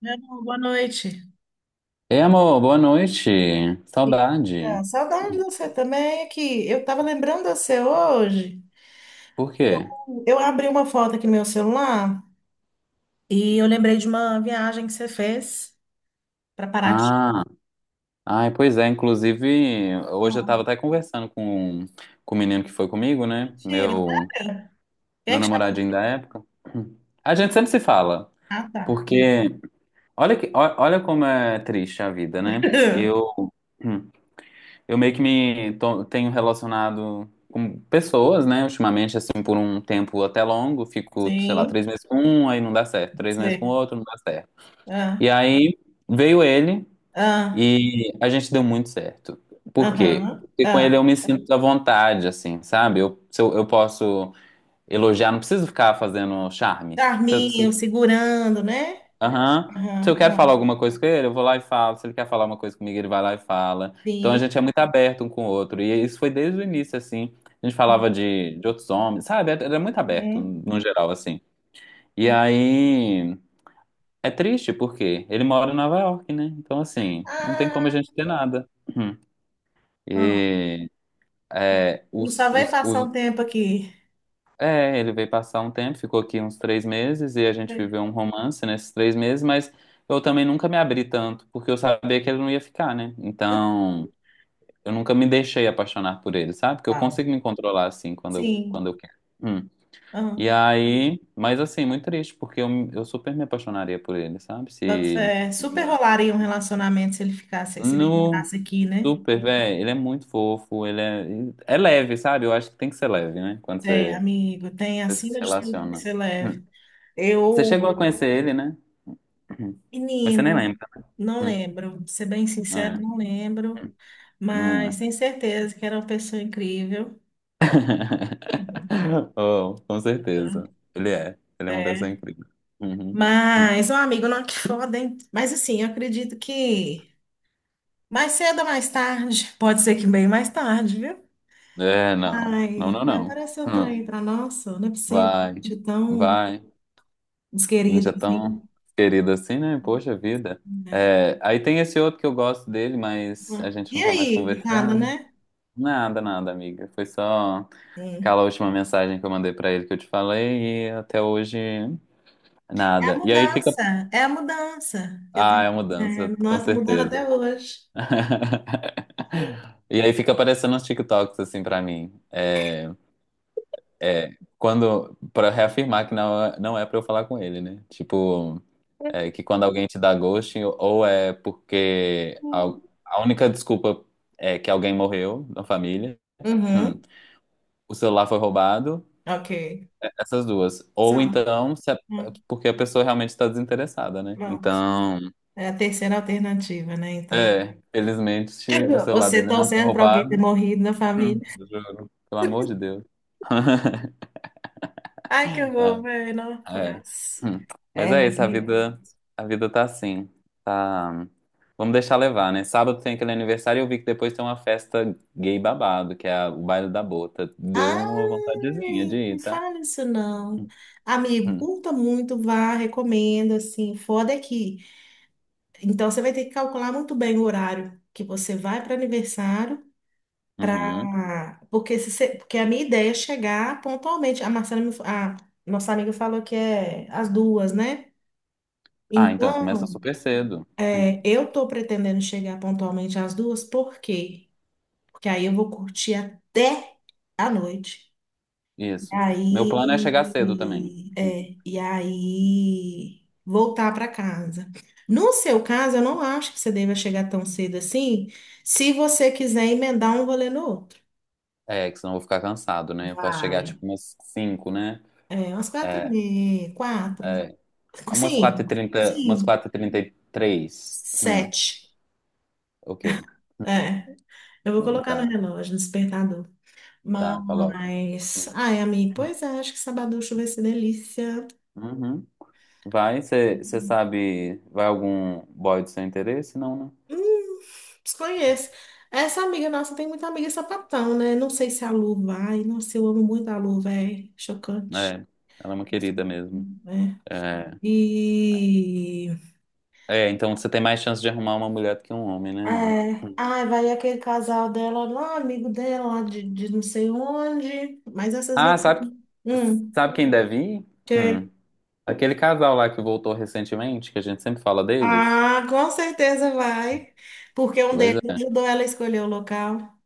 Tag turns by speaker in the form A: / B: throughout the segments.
A: Não, boa noite.
B: Ei, amor, boa noite.
A: E,
B: Saudade.
A: Saudade de você também aqui. Eu estava lembrando de você hoje
B: Por
A: que eu,
B: quê?
A: eu abri uma foto aqui no meu celular e eu lembrei de uma viagem que você fez para Paraty.
B: Ah, ai, pois é. Inclusive, hoje eu
A: Ah,
B: tava até conversando com o menino que foi comigo, né?
A: mentira,
B: Meu,
A: sério? Quem é
B: meu
A: que chamou?
B: namoradinho da época. A gente sempre se fala,
A: Ah, tá.
B: porque olha como é triste a vida, né? Eu meio que tenho relacionado com pessoas, né? Ultimamente, assim, por um tempo até longo, fico, sei lá,
A: Sim,
B: 3 meses com um, aí não dá certo, três meses com
A: você.
B: outro, não dá certo.
A: Ah,
B: E aí veio ele
A: ah,
B: e a gente deu muito certo. Por quê?
A: aham,
B: Porque com ele
A: ah.
B: eu me sinto à vontade, assim, sabe? Se eu posso elogiar, não preciso ficar fazendo charme. Se, eu- se,
A: Carminho segurando, né?
B: Aham. Se
A: Aham,
B: eu quero falar
A: aham,
B: alguma coisa com ele, eu vou lá e falo. Se ele quer falar uma coisa comigo, ele vai lá e fala. Então a
A: sim.
B: gente é muito aberto um com o outro. E isso foi desde o início, assim. A gente falava de outros homens, sabe? Era muito aberto,
A: Uhum,
B: no geral, assim. E
A: uhum.
B: aí. É triste porque ele mora em Nova York, né? Então, assim, não tem como a
A: Ah,
B: gente ter nada. Uhum.
A: não.
B: E é,
A: Ele só
B: os,
A: vai
B: os,
A: passar um
B: os-
A: tempo aqui.
B: ele veio passar um tempo, ficou aqui uns 3 meses e a gente viveu um romance nesses 3 meses, mas eu também nunca me abri tanto, porque eu sabia que ele não ia ficar, né? Então, eu nunca me deixei apaixonar por ele, sabe? Porque eu
A: Legal.
B: consigo me controlar assim quando eu,
A: Sim.
B: quando eu quero. Uhum. E
A: Aham.
B: aí, mas assim, muito triste, porque eu super me apaixonaria por ele, sabe? Se
A: Boto fé.
B: ele
A: Super rolaria um
B: morasse.
A: relacionamento se ele ficasse, se ele
B: No
A: ficasse aqui, né?
B: super, velho, ele é muito fofo, ele é leve, sabe? Eu acho que tem que ser leve, né? Quando
A: Tem,
B: você,
A: amigo, tem
B: você se
A: acima de tudo que
B: relaciona.
A: você
B: Hum.
A: leve.
B: Você chegou
A: Eu,
B: a conhecer ele, né? Hum. Mas você nem
A: menino,
B: lembra.
A: não lembro. Pra ser bem
B: Hum.
A: sincero,
B: É,
A: não lembro.
B: não
A: Mas
B: é.
A: tenho certeza que era uma pessoa incrível. Uhum.
B: Oh, com certeza. Ele é. Ele é uma pessoa
A: É.
B: incrível. Uhum. Hum.
A: Mas, um amigo, não, que foda, hein? Mas assim, eu acredito que mais cedo ou mais tarde, pode ser que bem mais tarde, viu?
B: É, não. Não, não, não.
A: Parece um
B: Hum.
A: trem para nossa, não é possível,
B: Vai.
A: de tão
B: Vai. Gente,
A: desquerida
B: é
A: assim,
B: tão querido assim, né? Poxa vida.
A: né?
B: É, aí tem esse outro que eu gosto dele, mas a gente
A: E
B: não tá mais
A: aí, nada,
B: conversando.
A: né?
B: Nada, nada, amiga. Foi só
A: Sim.
B: aquela última mensagem que eu mandei pra ele que eu te falei e até hoje nada. E aí fica.
A: É a mudança.
B: Ah, é uma mudança,
A: Nós
B: com
A: estamos mudando
B: certeza.
A: até hoje.
B: E aí fica aparecendo uns TikToks assim pra mim. É, quando. Pra reafirmar que não é pra eu falar com ele, né? Tipo. É que quando alguém te dá ghosting, ou é porque a,
A: Hum.
B: a única desculpa é que alguém morreu na família, hum,
A: Uhum,
B: o celular foi roubado,
A: ok.
B: é- essas duas.
A: Só,
B: Ou então, se a-
A: hum,
B: porque a pessoa realmente está desinteressada, né?
A: pronto.
B: Então,
A: É a terceira alternativa, né? Então,
B: é, felizmente o celular
A: você
B: dele não foi
A: torcendo para alguém ter
B: roubado.
A: morrido na família.
B: Hum, Juro, pelo amor de Deus.
A: Ai, que horror, velho.
B: É.
A: Nossa.
B: Hum. Mas
A: É,
B: é
A: mas
B: isso, a vida tá assim. Tá. Vamos deixar levar, né? Sábado tem aquele aniversário e eu vi que depois tem uma festa gay babado, que é a- o baile da bota. Deu uma vontadezinha
A: ai,
B: de
A: não
B: ir, tá?
A: fala isso não. Amigo,
B: Hum.
A: curta muito, vá, recomendo, assim, foda é que. Então, você vai ter que calcular muito bem o horário que você vai para aniversário,
B: Uhum.
A: pra... porque, se você- porque a minha ideia é chegar pontualmente. A nossa amiga falou que é às duas, né?
B: Ah, então começa
A: Então,
B: super cedo. Hum.
A: eu tô pretendendo chegar pontualmente às duas, por quê? Porque aí eu vou curtir até a noite.
B: Isso. Meu plano é chegar cedo também. Hum.
A: E aí voltar para casa. No seu caso, eu não acho que você deva chegar tão cedo assim, se você quiser emendar um rolê no outro.
B: É, que senão eu vou ficar cansado, né? Eu posso chegar
A: Vai.
B: tipo umas 5, né?
A: É, umas quatro e
B: É,
A: meia, quatro,
B: é. Umas quatro e
A: sim,
B: trinta, umas
A: sim,
B: quatro e trinta e três.
A: sete.
B: Ok.
A: É, eu vou colocar no
B: Tá.
A: relógio, no despertador.
B: Tá, coloca.
A: Mas, ai, amigo, pois é, acho que sabaducho vai ser delícia.
B: Uhum. Vai, você sabe, vai algum boy do seu interesse? Não,
A: Hum, desconheço. Essa amiga nossa tem muita amiga sapatão, né? Não sei se a Lu vai. Nossa, eu amo muito a Lu, velho.
B: né?
A: Chocante.
B: É, ela é uma
A: Nossa,
B: querida mesmo.
A: né?
B: É,
A: E.
B: é, então você tem mais chance de arrumar uma mulher do que um homem,
A: É.
B: né, lá.
A: Ai, vai aquele casal dela lá, amigo dela lá de não sei onde.
B: Ah, sabe,
A: Hum,
B: sabe quem deve ir?
A: que...
B: Hum. Aquele casal lá que voltou recentemente, que a gente sempre fala deles.
A: Ah, com certeza vai. Porque um
B: Pois
A: deles
B: é.
A: ajudou ela a escolher o local.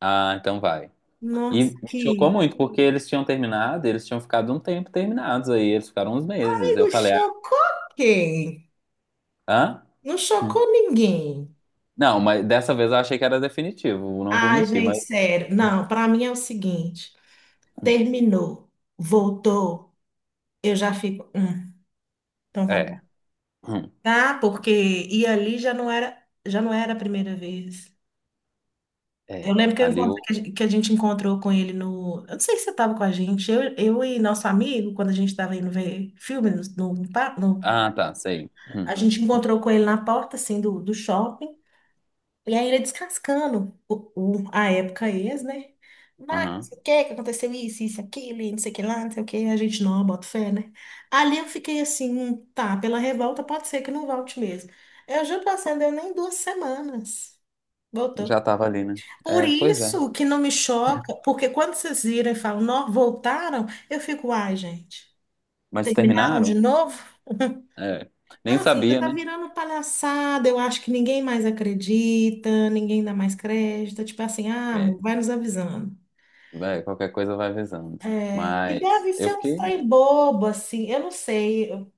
B: Ah, então vai. E
A: Nossa,
B: me chocou
A: que.
B: muito, porque eles tinham terminado, eles tinham ficado um tempo terminados aí, eles ficaram uns meses. Eu
A: Amigo,
B: falei,
A: chocou quem?
B: ah,
A: Não
B: hã?
A: chocou ninguém.
B: Não, mas dessa vez eu achei que era definitivo, não vou
A: Ai,
B: mentir,
A: gente,
B: mas
A: sério. Não, pra mim é o seguinte: terminou, voltou, eu já fico. Então tá bom.
B: é. Hum,
A: Tá? Porque e ali já não era a primeira vez. Eu
B: É.
A: lembro que eu
B: Ali
A: encontrei,
B: o.
A: que a gente encontrou com ele no. Eu não sei se você estava com a gente, eu e nosso amigo, quando a gente estava indo ver filme no.
B: Ah, tá, sei.
A: A gente encontrou com ele na porta, assim, do shopping. E aí ele descascando a época ex, né? Mas, não
B: Aham.
A: sei o que, que aconteceu isso, aquilo, e não sei o que lá, não sei o que, a gente não bota fé, né? Ali eu fiquei assim, tá, pela revolta pode ser que não volte mesmo. Eu juro pra você, não deu nem duas semanas. Voltou.
B: Já tava ali, né?
A: Por
B: É, pois é.
A: isso que não me choca, porque quando vocês viram e falam, não, voltaram, eu fico, ai, gente,
B: Mas
A: terminaram
B: terminaram?
A: de novo?
B: É. Nem
A: Então, assim, já
B: sabia,
A: tá
B: né?
A: virando palhaçada, eu acho que ninguém mais acredita, ninguém dá mais crédito, tipo assim, ah,
B: É.
A: amor, vai nos avisando.
B: Vai, qualquer coisa vai avisando.
A: É, e
B: Mas
A: deve
B: eu
A: ser um
B: fiquei.
A: trem bobo, assim, eu não sei o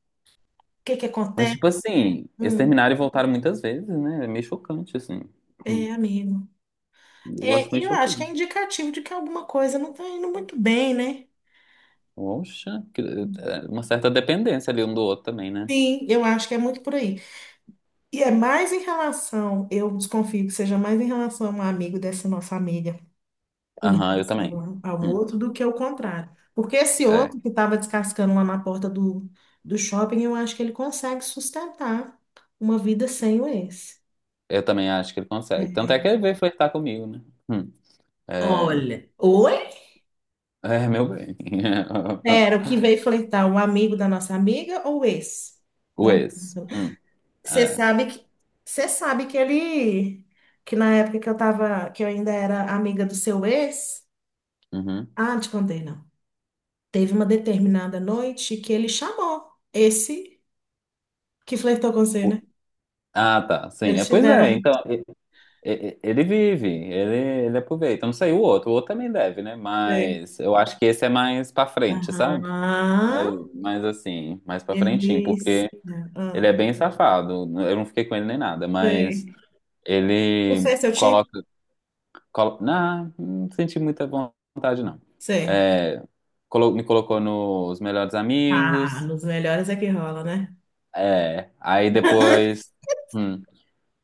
A: que que
B: Mas,
A: acontece.
B: tipo assim, eles
A: Hum,
B: terminaram e voltaram muitas vezes, né? É meio chocante, assim. Hum.
A: é, amigo.
B: Eu
A: É,
B: acho meio
A: eu acho que
B: chocante.
A: é indicativo de que alguma coisa não tá indo muito bem, né?
B: Poxa, que- é uma certa dependência ali um do outro também, né?
A: Sim, eu acho que é muito por aí. E é mais em relação, eu desconfio que seja mais em relação a um amigo dessa nossa amiga, em
B: Aham, eu também.
A: relação ao ao
B: Hum.
A: outro do que o contrário. Porque esse
B: É,
A: outro que estava descascando lá na porta do shopping, eu acho que ele consegue sustentar uma vida sem o ex.
B: eu também acho que ele consegue. Tanto
A: É.
B: é que ele veio flertar comigo, né? Hum. É,
A: Olha, oi?
B: é, meu bem.
A: Era o que veio flertar, o amigo da nossa amiga ou o ex do
B: O
A: amigo?
B: ex. Hum.
A: Você
B: É.
A: sabe que você sabe que ele que na época que eu tava, que eu ainda era amiga do seu ex,
B: Uhum.
A: ah, não te contei não. Teve uma determinada noite que ele chamou esse que flertou com você,
B: O-
A: né?
B: Ah, tá. Sim. É,
A: Eles
B: pois
A: tiveram
B: é.
A: um
B: Então, ele vive, ele aproveita. Eu não sei o outro. O outro também deve, né?
A: bebê.
B: Mas eu acho que esse é mais pra frente, sabe?
A: Aham.
B: Mas assim, mais pra frentinho,
A: Delícia.
B: porque ele é
A: Ah,
B: bem safado. Eu não fiquei com ele nem nada, mas
A: sei. O
B: ele
A: Fê, é seu tipo?
B: coloca. Não, não senti muita vontade, não.
A: Sei.
B: É, me colocou nos melhores
A: Ah,
B: amigos.
A: nos melhores é que rola, né?
B: É, aí hum,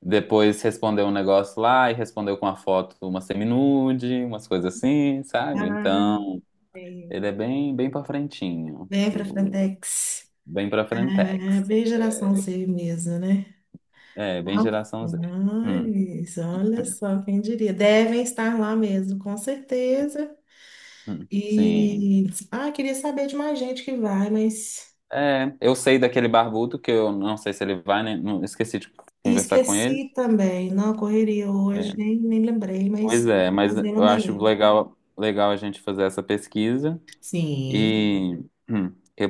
B: depois respondeu um negócio lá e respondeu com a foto uma seminude, umas coisas assim, sabe?
A: Ah,
B: Então,
A: sei.
B: ele é bem, bem pra frentinho,
A: Vem pra
B: o-
A: Frentex.
B: bem pra
A: É
B: frentex.
A: bem geração Z mesmo, né?
B: É, bem
A: Ah,
B: geração Z. Hum,
A: mas olha só, quem diria? Devem estar lá mesmo, com certeza.
B: sim.
A: E ah, queria saber de mais gente que vai, mas
B: É, eu sei daquele barbudo que eu não sei se ele vai, né? Não, esqueci de
A: e
B: conversar com ele.
A: esqueci também, não, correria hoje,
B: É,
A: nem lembrei,
B: pois
A: mas
B: é, mas
A: fazer ela
B: eu acho
A: amanhã.
B: legal, legal a gente fazer essa pesquisa
A: Sim.
B: e hum, que-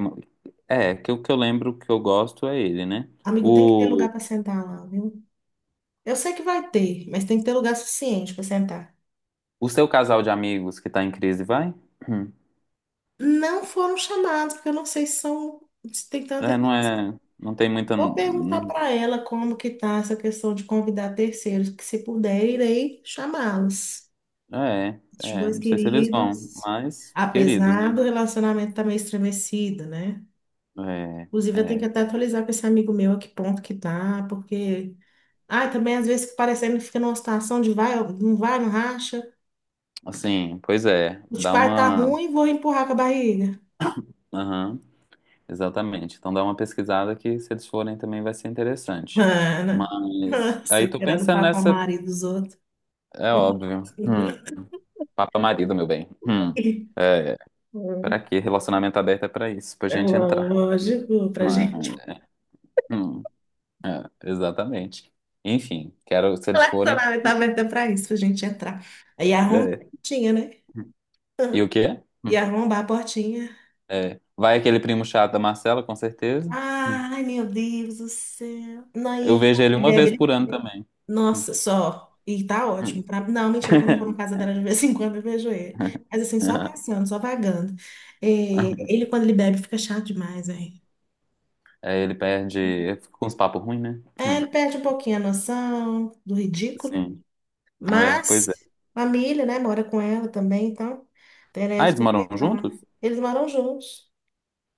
B: é que o que eu lembro que eu gosto é ele, né?
A: Amigo, tem que ter
B: O,
A: lugar para sentar lá, viu? Eu sei que vai ter, mas tem que ter lugar suficiente para sentar.
B: o seu casal de amigos que tá em crise vai? Hum.
A: Não foram chamados, porque eu não sei se são, se tem tanta.
B: É, não tem muita,
A: Vou perguntar para ela como que tá essa questão de convidar terceiros, que se puder, irei chamá-los.
B: é,
A: Os
B: é,
A: dois
B: não sei se eles vão,
A: queridos,
B: mas queridos,
A: apesar
B: né?
A: do relacionamento estar meio estremecido, né?
B: É,
A: Inclusive, eu tenho que
B: é,
A: até atualizar com esse amigo meu a que ponto que tá, porque. Ah, também às vezes parecendo que fica numa situação de vai, não racha.
B: assim, pois é,
A: O tipo, ah, tá ruim, vou empurrar com a barriga.
B: aham. Exatamente. Então dá uma pesquisada que se eles forem também vai ser interessante.
A: Ana,
B: Mas
A: você
B: aí tô
A: querendo
B: pensando
A: papar
B: nessa,
A: marido dos outros.
B: é óbvio. Papa marido, meu bem. É, para quê? Relacionamento aberto é para isso, pra
A: É
B: gente entrar.
A: lógico, pra
B: Mas,
A: gente.
B: hum, exatamente. Enfim, quero se eles forem.
A: Relacionamento aberto é pra isso, pra gente entrar. Aí arromba a
B: É.
A: portinha, né?
B: E o quê?
A: E arromba a portinha.
B: É. Vai aquele primo chato da Marcela, com certeza. Hum.
A: Ai, meu Deus do céu. Não, e
B: Eu
A: ele
B: vejo ele uma vez
A: bebe.
B: por ano também. Hum,
A: Nossa, só. E tá ótimo.
B: hum.
A: Pra... Não, mentira, quando eu vou na casa dela de vez em quando eu vejo ele. Mas assim, só passando, só vagando. É, ele, quando ele bebe, fica chato demais, hein?
B: Aí ele perde, fica com uns papos ruins, né?
A: É,
B: Hum.
A: ele perde um pouquinho a noção do ridículo.
B: Sim, é, pois
A: Mas,
B: é.
A: família, né? Mora com ela também, então
B: Ah,
A: teremos
B: eles
A: que
B: moram
A: enfrentar.
B: juntos?
A: Eles moram juntos.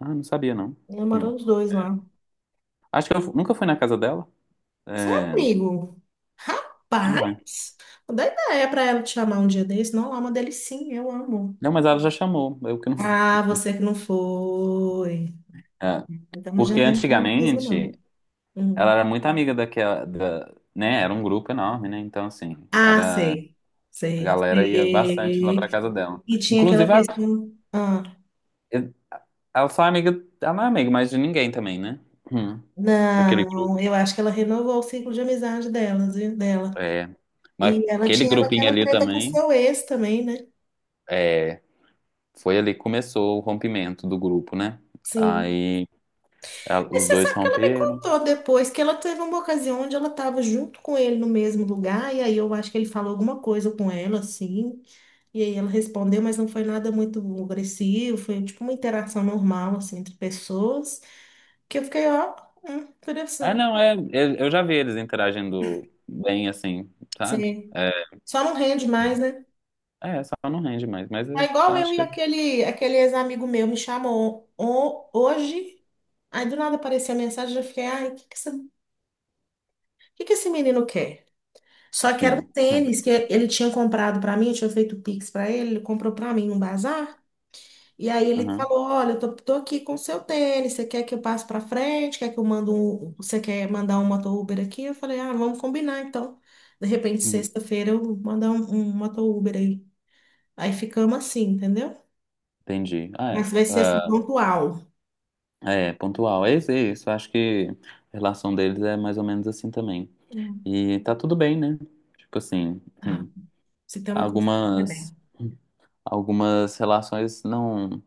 B: Ah, não sabia, não.
A: Eles
B: Hum.
A: moram os dois lá.
B: Acho que eu fu- nunca fui na casa dela.
A: Você é
B: É,
A: amigo?
B: não é.
A: Rapaz! Não dá ideia pra ela te chamar um dia desse. Não, lá é uma delicinha, eu amo.
B: Não, mas ela já chamou, eu que não fui.
A: Ah, você que não foi.
B: É,
A: Então já
B: porque
A: vem com a mesa, não.
B: antigamente
A: Uhum.
B: ela era muito amiga daquela, da, né? Era um grupo enorme, né? Então, assim,
A: Ah,
B: era,
A: sei.
B: a
A: Sei.
B: galera ia bastante lá pra
A: Sei.
B: casa dela.
A: E tinha aquela
B: Inclusive, ela,
A: questão. Ah,
B: ela só é amiga, ela não é amiga mais de ninguém também, né? Hum, daquele grupo.
A: não, eu acho que ela renovou o ciclo de amizade delas, viu? Dela.
B: É, mas
A: E ela
B: aquele
A: tinha
B: grupinho
A: aquela
B: ali
A: treta com
B: também.
A: seu ex também, né?
B: É, foi ali que começou o rompimento do grupo, né?
A: Sim.
B: Aí ela-
A: Mas
B: os
A: você
B: dois
A: sabe que ela me
B: romperam.
A: contou depois que ela teve uma ocasião onde ela estava junto com ele no mesmo lugar, e aí eu acho que ele falou alguma coisa com ela, assim. E aí ela respondeu, mas não foi nada muito agressivo, foi tipo uma interação normal, assim, entre pessoas. Que eu fiquei, ó,
B: Ah,
A: interessante.
B: não, é, eu já vi eles interagindo bem assim, sabe?
A: Sim.
B: É,
A: Só não rende mais, né?
B: é, só não rende mais, mas
A: É
B: eu
A: igual eu
B: acho
A: e
B: que
A: aquele, aquele ex-amigo meu me chamou hoje, aí do nada apareceu a mensagem, eu fiquei, ai, o que que essa- que esse menino quer? Só que era um
B: assim.
A: tênis que ele tinha comprado pra mim, eu tinha feito Pix pra ele, ele comprou pra mim num bazar. E aí ele
B: Aham,
A: falou, olha, tô aqui com o seu tênis, você quer que eu passe para frente? Quer que eu mando um, você quer mandar um moto Uber aqui? Eu falei, ah, vamos combinar então. De repente,
B: uhum,
A: sexta-feira eu mandar um moto Uber aí. Aí ficamos assim, entendeu?
B: entendi. Ah, é.
A: Mas vai ser assim,
B: Ah,
A: pontual.
B: é, pontual. É isso, é isso. Acho que a relação deles é mais ou menos assim também.
A: Hum.
B: E tá tudo bem, né? Tipo assim,
A: Ah,
B: hum,
A: se tem uma coisa
B: algumas, algumas relações não,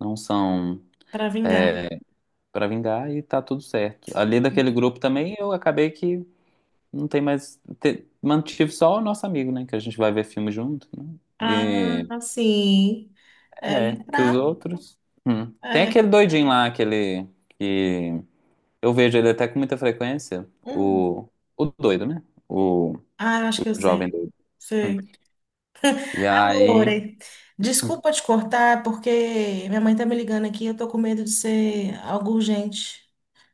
B: não são.
A: para vingar.
B: É, pra vingar e tá tudo certo. Ali daquele grupo também eu acabei que não tem mais. Mantive só o nosso amigo, né? Que a gente vai ver filme junto, né? E
A: Ah, sim. É
B: é, que os
A: lembrar.
B: outros. Hum. Tem
A: É.
B: aquele doidinho lá, aquele que eu vejo ele até com muita frequência,
A: Hum.
B: o doido, né? O,
A: Ah, eu acho
B: o
A: que eu
B: jovem
A: sei.
B: doido. Hum.
A: Sei.
B: E aí.
A: Lore,
B: Hum.
A: desculpa te cortar, porque minha mãe tá me ligando aqui, eu tô com medo de ser algo urgente.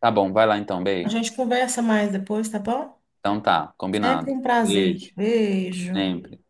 B: Tá bom, vai lá então,
A: A
B: Bey.
A: gente conversa mais depois, tá bom?
B: Então tá,
A: Sempre
B: combinado.
A: um prazer.
B: Beijo,
A: Beijo.
B: sempre.